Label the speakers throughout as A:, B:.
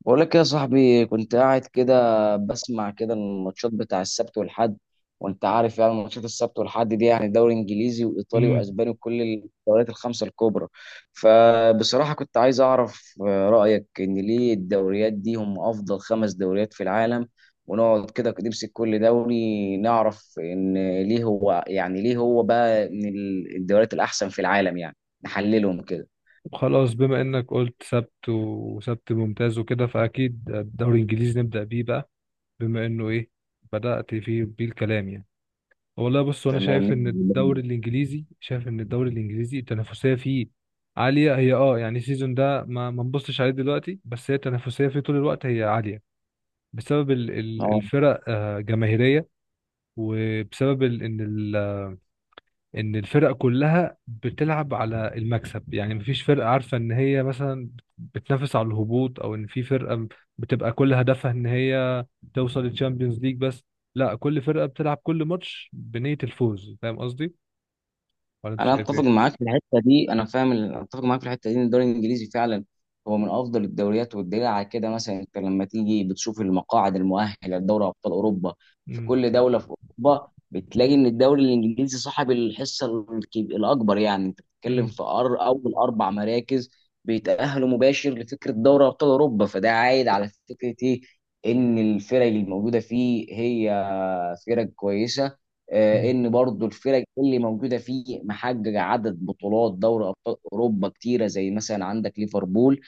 A: بقول لك إيه يا صاحبي؟ كنت قاعد كده بسمع كده الماتشات بتاع السبت والحد، وانت عارف يعني ماتشات السبت والحد دي يعني دوري انجليزي وايطالي
B: امم
A: واسباني وكل الدوريات الخمسه الكبرى. فبصراحه كنت عايز اعرف رايك ان ليه الدوريات دي هم افضل خمس دوريات في العالم، ونقعد كده نمسك كل دوري نعرف ان ليه هو ليه هو بقى من الدوريات الاحسن في العالم، يعني نحللهم كده.
B: خلاص، بما انك قلت سبت وسبت ممتاز وكده، فاكيد الدوري الانجليزي نبدا بيه بقى. بما انه ايه، بدات فيه بيه الكلام يعني. والله بص، انا
A: تمام.
B: شايف ان الدوري الانجليزي التنافسيه فيه عاليه. هي يعني السيزون ده ما نبصش عليه دلوقتي، بس هي التنافسيه فيه طول الوقت هي عاليه. بسبب
A: اه
B: الفرق جماهيريه. وبسبب ان الفرق كلها بتلعب على المكسب. يعني مفيش فرقة عارفة ان هي مثلا بتنافس على الهبوط، او ان في فرقة بتبقى كل هدفها ان هي توصل للتشامبيونز ليج بس. لا، كل فرقة بتلعب كل ماتش بنية الفوز. فاهم قصدي ولا انت
A: انا
B: شايف
A: اتفق
B: ايه؟
A: معاك في الحته دي، انا فاهم اتفق معاك في الحته دي ان الدوري الانجليزي فعلا هو من افضل الدوريات، والدليل على كده مثلا انت لما تيجي بتشوف المقاعد المؤهله لدوري ابطال اوروبا في
B: امم.
A: كل دوله في اوروبا بتلاقي ان الدوري الانجليزي صاحب الحصه الاكبر. يعني انت بتتكلم
B: امم.
A: في اول اربع مراكز بيتاهلوا مباشر لفكره دوري ابطال اوروبا. فده عايد على فكره ايه؟ ان الفرق الموجوده فيه هي فرق كويسه. ان برضو الفرق اللي موجوده فيه محققه عدد بطولات دوري ابطال اوروبا كتيره، زي مثلا عندك ليفربول.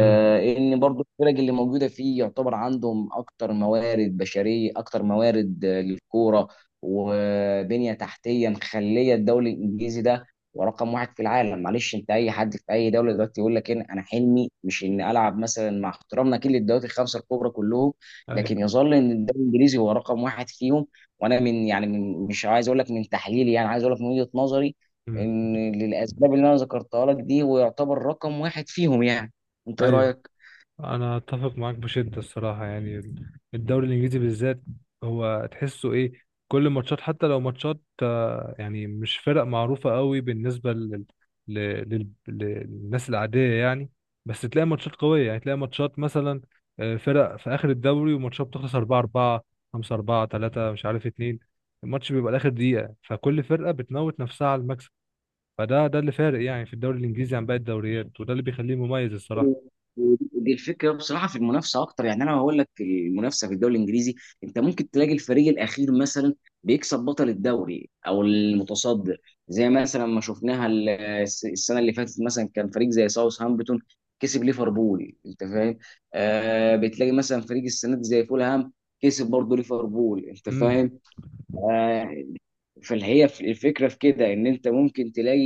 B: امم.
A: ان برضو الفرق اللي موجوده فيه يعتبر عندهم اكتر موارد بشريه، اكتر موارد للكوره وبنيه تحتيه مخليه الدوري الانجليزي ده ورقم واحد في العالم. معلش، انت اي حد في اي دوله دلوقتي يقول لك إن انا حلمي مش ان العب مثلا، مع احترامنا كل الدوريات الخمسه الكبرى كلهم،
B: ايوه.
A: لكن يظل ان الدوري الانجليزي هو رقم واحد فيهم. وانا من يعني، من مش عايز اقول لك من تحليلي، يعني عايز اقول لك من وجهة نظري،
B: امم.
A: ان للاسباب اللي انا ذكرتها لك دي هو يعتبر رقم واحد فيهم يعني. انت ايه
B: ايوه،
A: رايك؟
B: انا اتفق معاك بشده الصراحه يعني. الدوري الانجليزي بالذات هو تحسه ايه، كل ماتشات. حتى لو ماتشات يعني مش فرق معروفه قوي بالنسبه للناس العاديه يعني. بس تلاقي ماتشات قويه، يعني تلاقي ماتشات مثلا فرق في اخر الدوري، وماتشات بتخلص 4 4، 5 4، 3 مش عارف 2. الماتش بيبقى لاخر دقيقه، فكل فرقه بتموت نفسها على المكسب. فده اللي فارق يعني في الدوري الانجليزي عن باقي الدوريات، وده اللي بيخليه مميز الصراحه.
A: ودي ودي الفكره بصراحه في المنافسه اكتر. يعني انا هقول لك المنافسه في الدوري الانجليزي انت ممكن تلاقي الفريق الاخير مثلا بيكسب بطل الدوري او المتصدر. زي مثلا ما شفناها السنه اللي فاتت، مثلا كان فريق زي ساوث هامبتون كسب ليفربول، انت فاهم. بتلاقي مثلا فريق السنه دي زي فولهام كسب برضه ليفربول، انت
B: امم.
A: فاهم. آه، فالهي الفكره في كده ان انت ممكن تلاقي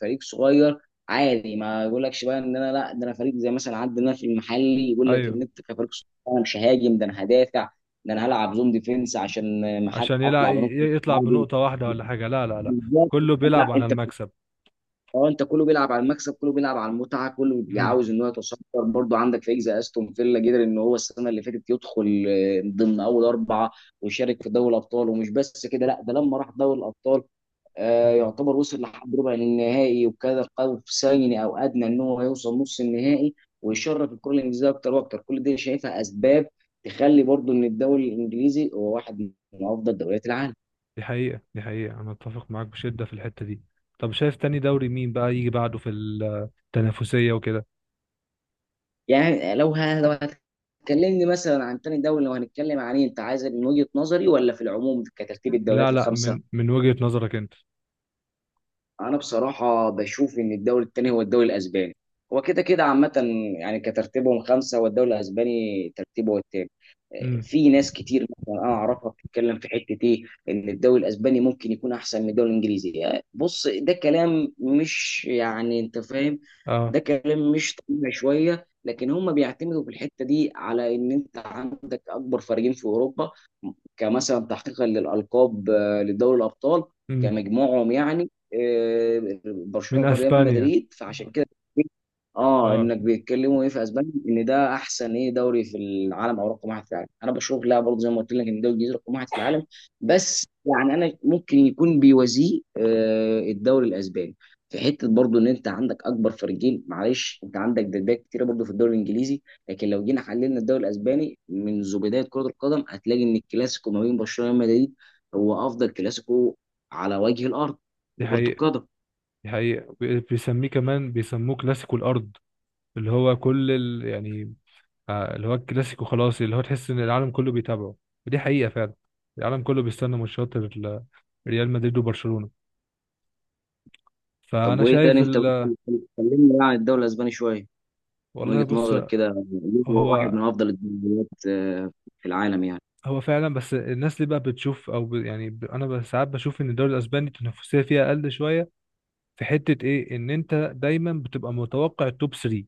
A: فريق صغير عادي ما يقولكش بقى ان انا لا، ده انا فريق زي مثلا عندنا في المحلي يقول لك
B: ايوه،
A: ان انت كفريق صغير انا مش ههاجم، ده انا هدافع، ده انا هلعب زون ديفنس عشان ما حد
B: عشان يلعب
A: اطلع بنقطه
B: يطلع
A: تعادل.
B: بنقطة واحدة ولا حاجة. لا لا لا،
A: بالظبط.
B: كله
A: لا
B: بيلعب على
A: انت
B: المكسب.
A: اه انت كله بيلعب على المكسب، كله بيلعب على المتعه، كله
B: امم.
A: عاوز ان هو يتصدر. برضه عندك فريق زي استون فيلا قدر ان هو السنه اللي فاتت يدخل ضمن اول اربعه ويشارك في دوري الابطال، ومش بس كده، لا ده لما راح دوري الابطال
B: أمم.
A: يعتبر وصل لحد ربع النهائي، وكان قاب ثاني او ادنى ان هو يوصل نص النهائي ويشرف الكره الانجليزيه اكتر واكتر. كل دي شايفها اسباب تخلي برضو ان الدوري الانجليزي هو واحد من افضل دوريات العالم.
B: دي حقيقة، دي حقيقة، أنا أتفق معاك بشدة في الحتة دي. طب شايف تاني دوري مين بقى يجي بعده في التنافسية وكده؟
A: يعني لو هتكلمني مثلا عن تاني دوري، لو هنتكلم عن انت عايز من وجهه نظري ولا في العموم كترتيب الدوريات
B: لا لا،
A: الخمسه؟
B: من وجهة نظرك أنت.
A: انا بصراحه بشوف ان الدوري الثاني هو الدوري الاسباني. هو كده كده عامه، يعني كترتيبهم خمسه والدوري الاسباني ترتيبه هو الثاني.
B: امم.
A: في ناس كتير مثلا انا اعرفها بتتكلم في حته ايه، ان الدوري الاسباني ممكن يكون احسن من الدوري الانجليزي. بص، ده كلام مش يعني، انت فاهم،
B: اه.
A: ده كلام مش طبيعي شويه. لكن هم بيعتمدوا في الحته دي على ان انت عندك اكبر فريقين في اوروبا كمثلا تحقيقا للالقاب لدوري الابطال
B: امم.
A: كمجموعهم، يعني
B: من
A: برشلونه وريال
B: أسبانيا.
A: مدريد. فعشان كده اه
B: اه.
A: انك بيتكلموا ايه في اسبانيا ان ده احسن ايه دوري في العالم، او رقم واحد في العالم. انا بشوف لا، برضه زي ما قلت لك، ان الدوري الانجليزي رقم واحد في العالم، بس يعني انا ممكن يكون بيوازيه الدوري الاسباني في حته. برضه ان انت عندك اكبر فريقين، معلش انت عندك دبابات كتيره برضه في الدوري الانجليزي، لكن لو جينا حللنا الدوري الاسباني منذ بدايه كره القدم هتلاقي ان الكلاسيكو ما بين برشلونه وريال مدريد هو افضل كلاسيكو على وجه الارض
B: دي
A: لكره
B: حقيقة،
A: القدم.
B: دي حقيقة، بيسميه كمان بيسموه كلاسيكو الأرض. اللي هو كل يعني اللي هو الكلاسيكو خلاص، اللي هو تحس ان العالم كله بيتابعه. ودي حقيقة فعلا، العالم كله بيستنى ماتشات ريال مدريد وبرشلونة.
A: طب
B: فانا
A: وايه تاني؟
B: شايف
A: انت
B: ال...
A: ممكن تكلمنا بقى عن الدوري الاسباني شويه من
B: والله
A: وجهه
B: بص،
A: نظرك كده، ليه هو واحد
B: هو
A: من افضل الدوريات في العالم يعني؟
B: هو فعلا. بس الناس اللي بقى بتشوف او ب... يعني ب... انا ب- ساعات بشوف ان الدوري الاسباني التنافسية فيها اقل شوية. في حتة ايه، ان انت دايما بتبقى متوقع التوب 3،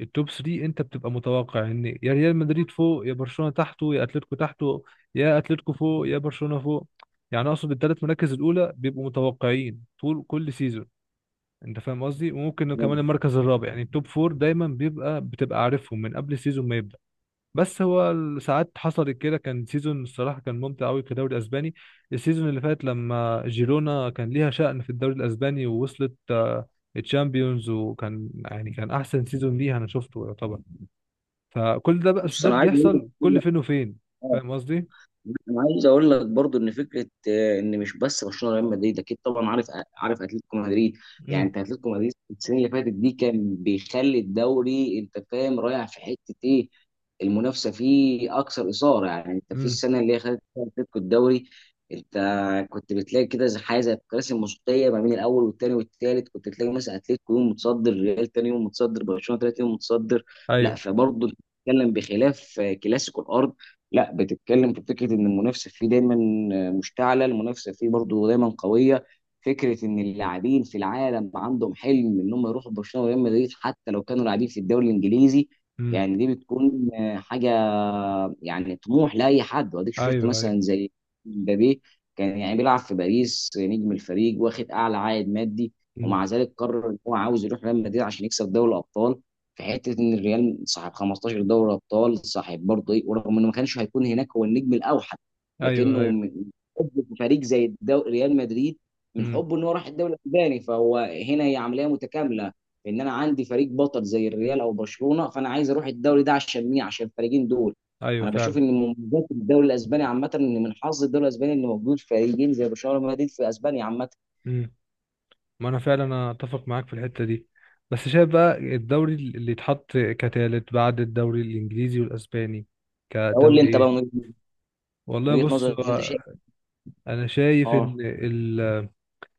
B: التوب 3 انت بتبقى متوقع ان يا ريال مدريد فوق، يا برشلونة تحته، يا اتلتيكو تحته، يا اتلتيكو فوق، يا برشلونة فوق. يعني اقصد الثلاث مراكز الاولى بيبقوا متوقعين طول كل سيزون. انت فاهم قصدي. وممكن كمان
A: آه،
B: المركز الرابع، يعني التوب 4 دايما بتبقى عارفهم من قبل السيزون ما يبدأ. بس هو ساعات حصلت كده، كان سيزون الصراحة كان ممتع قوي كدوري اسباني. السيزون اللي فات لما جيرونا كان ليها شأن في الدوري الاسباني، ووصلت الشامبيونز، وكان يعني كان احسن سيزون ليها انا شفته يعتبر. فكل ده بقى، بس
A: بص
B: ده
A: انا عايز
B: بيحصل
A: اقول
B: كل فين وفين.
A: لك،
B: فاهم قصدي؟
A: برضو ان فكره ان مش بس برشلونه ريال مدريد، اكيد طبعا عارف، عارف اتلتيكو مدريد. يعني
B: امم.
A: انت اتلتيكو مدريد السنه اللي فاتت دي كان بيخلي الدوري، انت فاهم رايح في حته ايه، المنافسه فيه اكثر اثاره. يعني انت في
B: امم.
A: السنه اللي هي خدت فيها اتلتيكو الدوري انت كنت بتلاقي كده زي حاجه زي الكراسي الموسيقيه، ما بين الاول والثاني والثالث كنت تلاقي مثلا اتلتيكو يوم متصدر، ريال ثاني يوم متصدر، برشلونه ثالث يوم متصدر. لا
B: ايوه.
A: فبرضه بتتكلم بخلاف كلاسيكو الارض، لا بتتكلم في فكره ان المنافسه فيه دايما مشتعله، المنافسه فيه برضه دايما قويه. فكره ان اللاعبين في العالم عندهم حلم ان هم يروحوا برشلونه وريال مدريد حتى لو كانوا لاعبين في الدوري الانجليزي،
B: امم.
A: يعني دي بتكون حاجه يعني طموح لاي حد. واديك شفت
B: ايوه. ايوه.
A: مثلا زي مبابي، كان يعني بيلعب في باريس نجم الفريق واخد اعلى عائد مادي،
B: امم.
A: ومع ذلك قرر ان هو عاوز يروح ريال مدريد عشان يكسب دوري الابطال، في حته ان الريال صاحب 15 دوري ابطال، صاحب برضه ايه، ورغم انه ما كانش هيكون هناك هو النجم الاوحد
B: ايوه.
A: لكنه
B: ايوه.
A: من حبه في فريق زي ريال مدريد، من
B: امم.
A: حبه ان هو راح الدوري الاسباني. فهو هنا هي عمليه متكامله، ان انا عندي فريق بطل زي الريال او برشلونه فانا عايز اروح الدوري ده عشان مين، عشان الفريقين دول.
B: ايوه
A: انا بشوف
B: فعلا.
A: ان من مميزات الدوري الاسباني عامه ان من حظ الدوري الاسباني ان موجود فريقين زي برشلونه ومدريد في اسبانيا عامه.
B: امم. ما انا فعلا اتفق معاك في الحته دي. بس شايف بقى الدوري اللي يتحط كتالت بعد الدوري الانجليزي والاسباني
A: قول لي
B: كدوري
A: انت بقى
B: ايه؟
A: من
B: والله
A: وجهه
B: بص،
A: نظرك انت
B: هو
A: شايف
B: انا شايف ان
A: اه.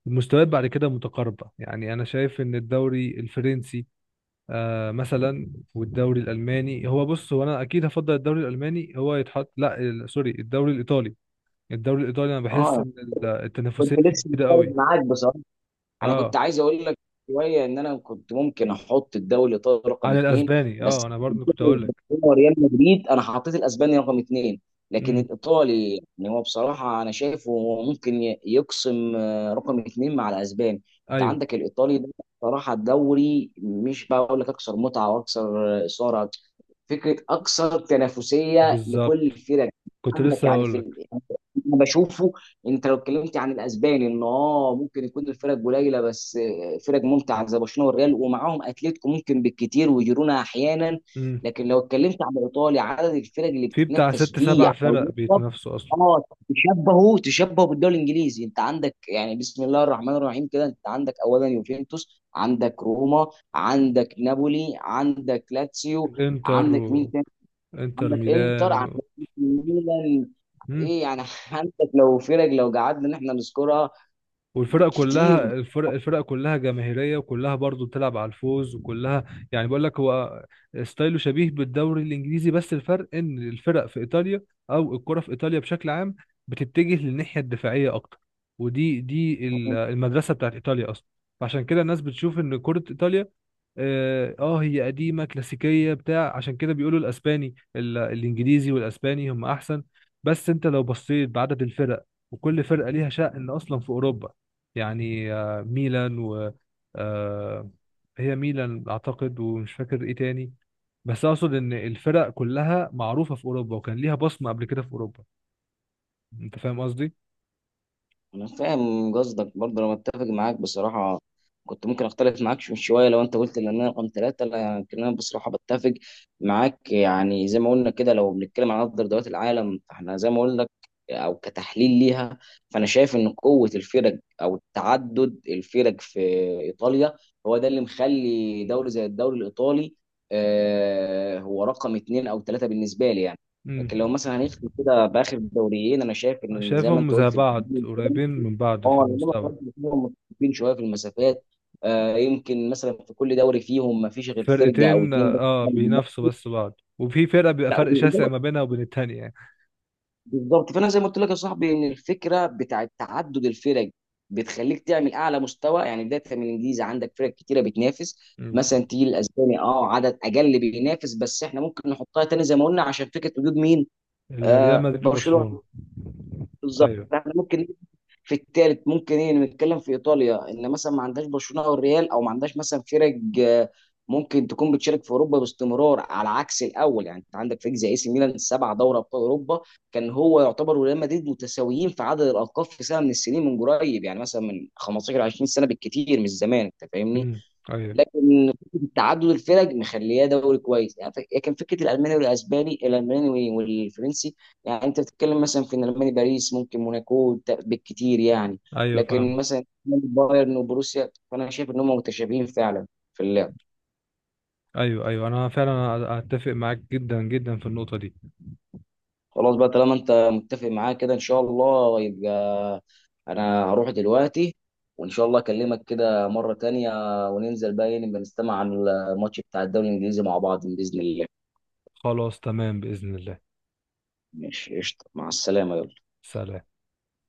B: المستويات بعد كده متقاربه. يعني انا شايف ان الدوري الفرنسي مثلا، والدوري الالماني هو بص، هو انا اكيد هفضل الدوري الالماني هو يتحط. لا سوري، الدوري الايطالي. الدوري الايطالي انا بحس
A: اه
B: ان
A: كنت
B: التنافسيه فيه
A: لسه
B: كده
A: مختلف
B: قوي.
A: معاك بصراحه. انا كنت
B: اه.
A: عايز اقول لك شويه ان انا كنت ممكن احط الدوري الايطالي رقم
B: عن
A: اثنين.
B: الاسباني، اه
A: بس
B: انا برضه كنت
A: الفكرة
B: هقول لك.
A: إن هو ريال مدريد، انا حطيت الاسباني رقم اثنين، لكن
B: امم.
A: الايطالي يعني هو بصراحه انا شايفه هو ممكن يقسم رقم اثنين مع الاسباني. انت
B: ايوه
A: عندك الايطالي ده بصراحه الدوري مش بقول لك اكثر متعه واكثر اثاره، فكره اكثر تنافسيه لكل
B: بالظبط،
A: الفرق.
B: كنت
A: عندك
B: لسه
A: يعني
B: هقول لك.
A: يعني انا بشوفه، انت لو اتكلمت عن الاسباني ان اه ممكن يكون الفرق قليله بس، فرق ممتعه زي برشلونه والريال ومعاهم اتلتيكو ممكن بالكتير وجيرونا احيانا.
B: امم.
A: لكن لو اتكلمت عن الايطالي عدد الفرق اللي
B: في بتاع
A: بتتنافس
B: ست
A: فيه
B: سبع
A: على
B: فرق
A: اللقب،
B: بيتنافسوا اصلا.
A: اه تشبهه بالدوري الانجليزي. انت عندك يعني بسم الله الرحمن الرحيم كده، انت عندك اولا يوفنتوس، عندك روما، عندك نابولي، عندك لاتسيو،
B: انتر
A: عندك مين
B: و...
A: تاني،
B: انتر
A: عندك
B: ميلان
A: انتر،
B: و...
A: عندك ميلان،
B: مم.
A: ايه يعني عندك لو فرق لو قعدنا ان احنا نذكرها
B: والفرق
A: كتير.
B: كلها، الفرق كلها جماهيريه، وكلها برضو بتلعب على الفوز، وكلها يعني. بقول لك هو ستايله شبيه بالدوري الانجليزي، بس الفرق ان الفرق في ايطاليا، او الكره في ايطاليا بشكل عام، بتتجه للناحيه الدفاعيه اكتر. ودي المدرسه بتاعت ايطاليا اصلا. فعشان كده الناس بتشوف ان كره ايطاليا هي قديمه كلاسيكيه بتاع. عشان كده بيقولوا الاسباني الانجليزي والاسباني هم احسن. بس انت لو بصيت بعدد الفرق، وكل فرقه ليها شأن اصلا في اوروبا. يعني ميلان و... آه، هي ميلان اعتقد، ومش فاكر ايه تاني. بس اقصد ان الفرق كلها معروفه في اوروبا، وكان ليها بصمه قبل كده في اوروبا. انت فاهم قصدي؟
A: انا فاهم قصدك، برضه انا متفق معاك بصراحه. كنت ممكن اختلف معاك شويه لو انت قلت ان انا رقم ثلاثه، لكن انا بصراحه بتفق معاك. يعني زي ما قلنا كده، لو بنتكلم عن افضل دوريات العالم فاحنا زي ما قلنا لك، او كتحليل ليها، فانا شايف ان قوه الفرق او تعدد الفرق في ايطاليا هو ده اللي مخلي دوري زي الدوري الايطالي هو رقم اثنين او ثلاثه بالنسبه لي يعني.
B: امم.
A: لكن لو مثلا هنختم كده باخر دوريين، انا شايف ان زي ما
B: شايفهم
A: انت
B: زي
A: قلت
B: بعض قريبين من بعض في
A: اه، انما
B: المستوى.
A: كمان فيهم متفقين شويه في المسافات. يمكن مثلا في كل دوري فيهم ما فيش غير فرقه او
B: فرقتين
A: اتنين بس.
B: بينافسوا بس بعض، وفي فرقة بيبقى
A: لا
B: فرق شاسع ما بينها وبين التانية يعني.
A: بالظبط. فانا زي ما قلت لك يا صاحبي، ان الفكره بتاعت تعدد الفرق بتخليك تعمل اعلى مستوى. يعني بدايه من الانجليزي عندك فرق كتيره بتنافس،
B: مم.
A: مثلا تيجي الاسباني اه عدد اقل بينافس، بس احنا ممكن نحطها تاني زي ما قلنا عشان فكره وجود مين.
B: الريال مدريد وبرشلونة.
A: برشلونه. بالظبط،
B: ايوه.
A: فاحنا ممكن في الثالث ممكن ايه نتكلم في ايطاليا ان مثلا ما عندهاش برشلونه او الريال او ما عندهاش مثلا فرق ممكن تكون بتشارك في اوروبا باستمرار. على عكس الاول يعني انت عندك فريق زي اي سي ميلان 7 دوري ابطال اوروبا، كان هو يعتبر وريال مدريد متساويين في عدد الالقاب في سنه من السنين من قريب، يعني مثلا من 15 20 سنه بالكثير، مش زمان، انت فاهمني.
B: امم. ايوه.
A: لكن فكرة تعدد الفرق مخلياه دوري كويس يعني لكن فكره الالماني والاسباني، الالماني والفرنسي، يعني انت بتتكلم مثلا في الالماني باريس ممكن موناكو بالكتير يعني.
B: ايوه
A: لكن
B: فاهم.
A: مثلا بايرن وبروسيا فانا شايف ان هم متشابهين فعلا في اللعب.
B: ايوه. ايوه، انا فعلا اتفق معاك جدا جدا في النقطة دي.
A: خلاص بقى طالما انت متفق معايا كده، ان شاء الله يبقى انا هروح دلوقتي وان شاء الله اكلمك كده مره تانية وننزل بقى نبقى نستمع عن الماتش بتاع الدوري الانجليزي مع بعض باذن الله.
B: خلاص تمام، بإذن الله.
A: ماشي قشطه، مع السلامه، يلا.
B: سلام.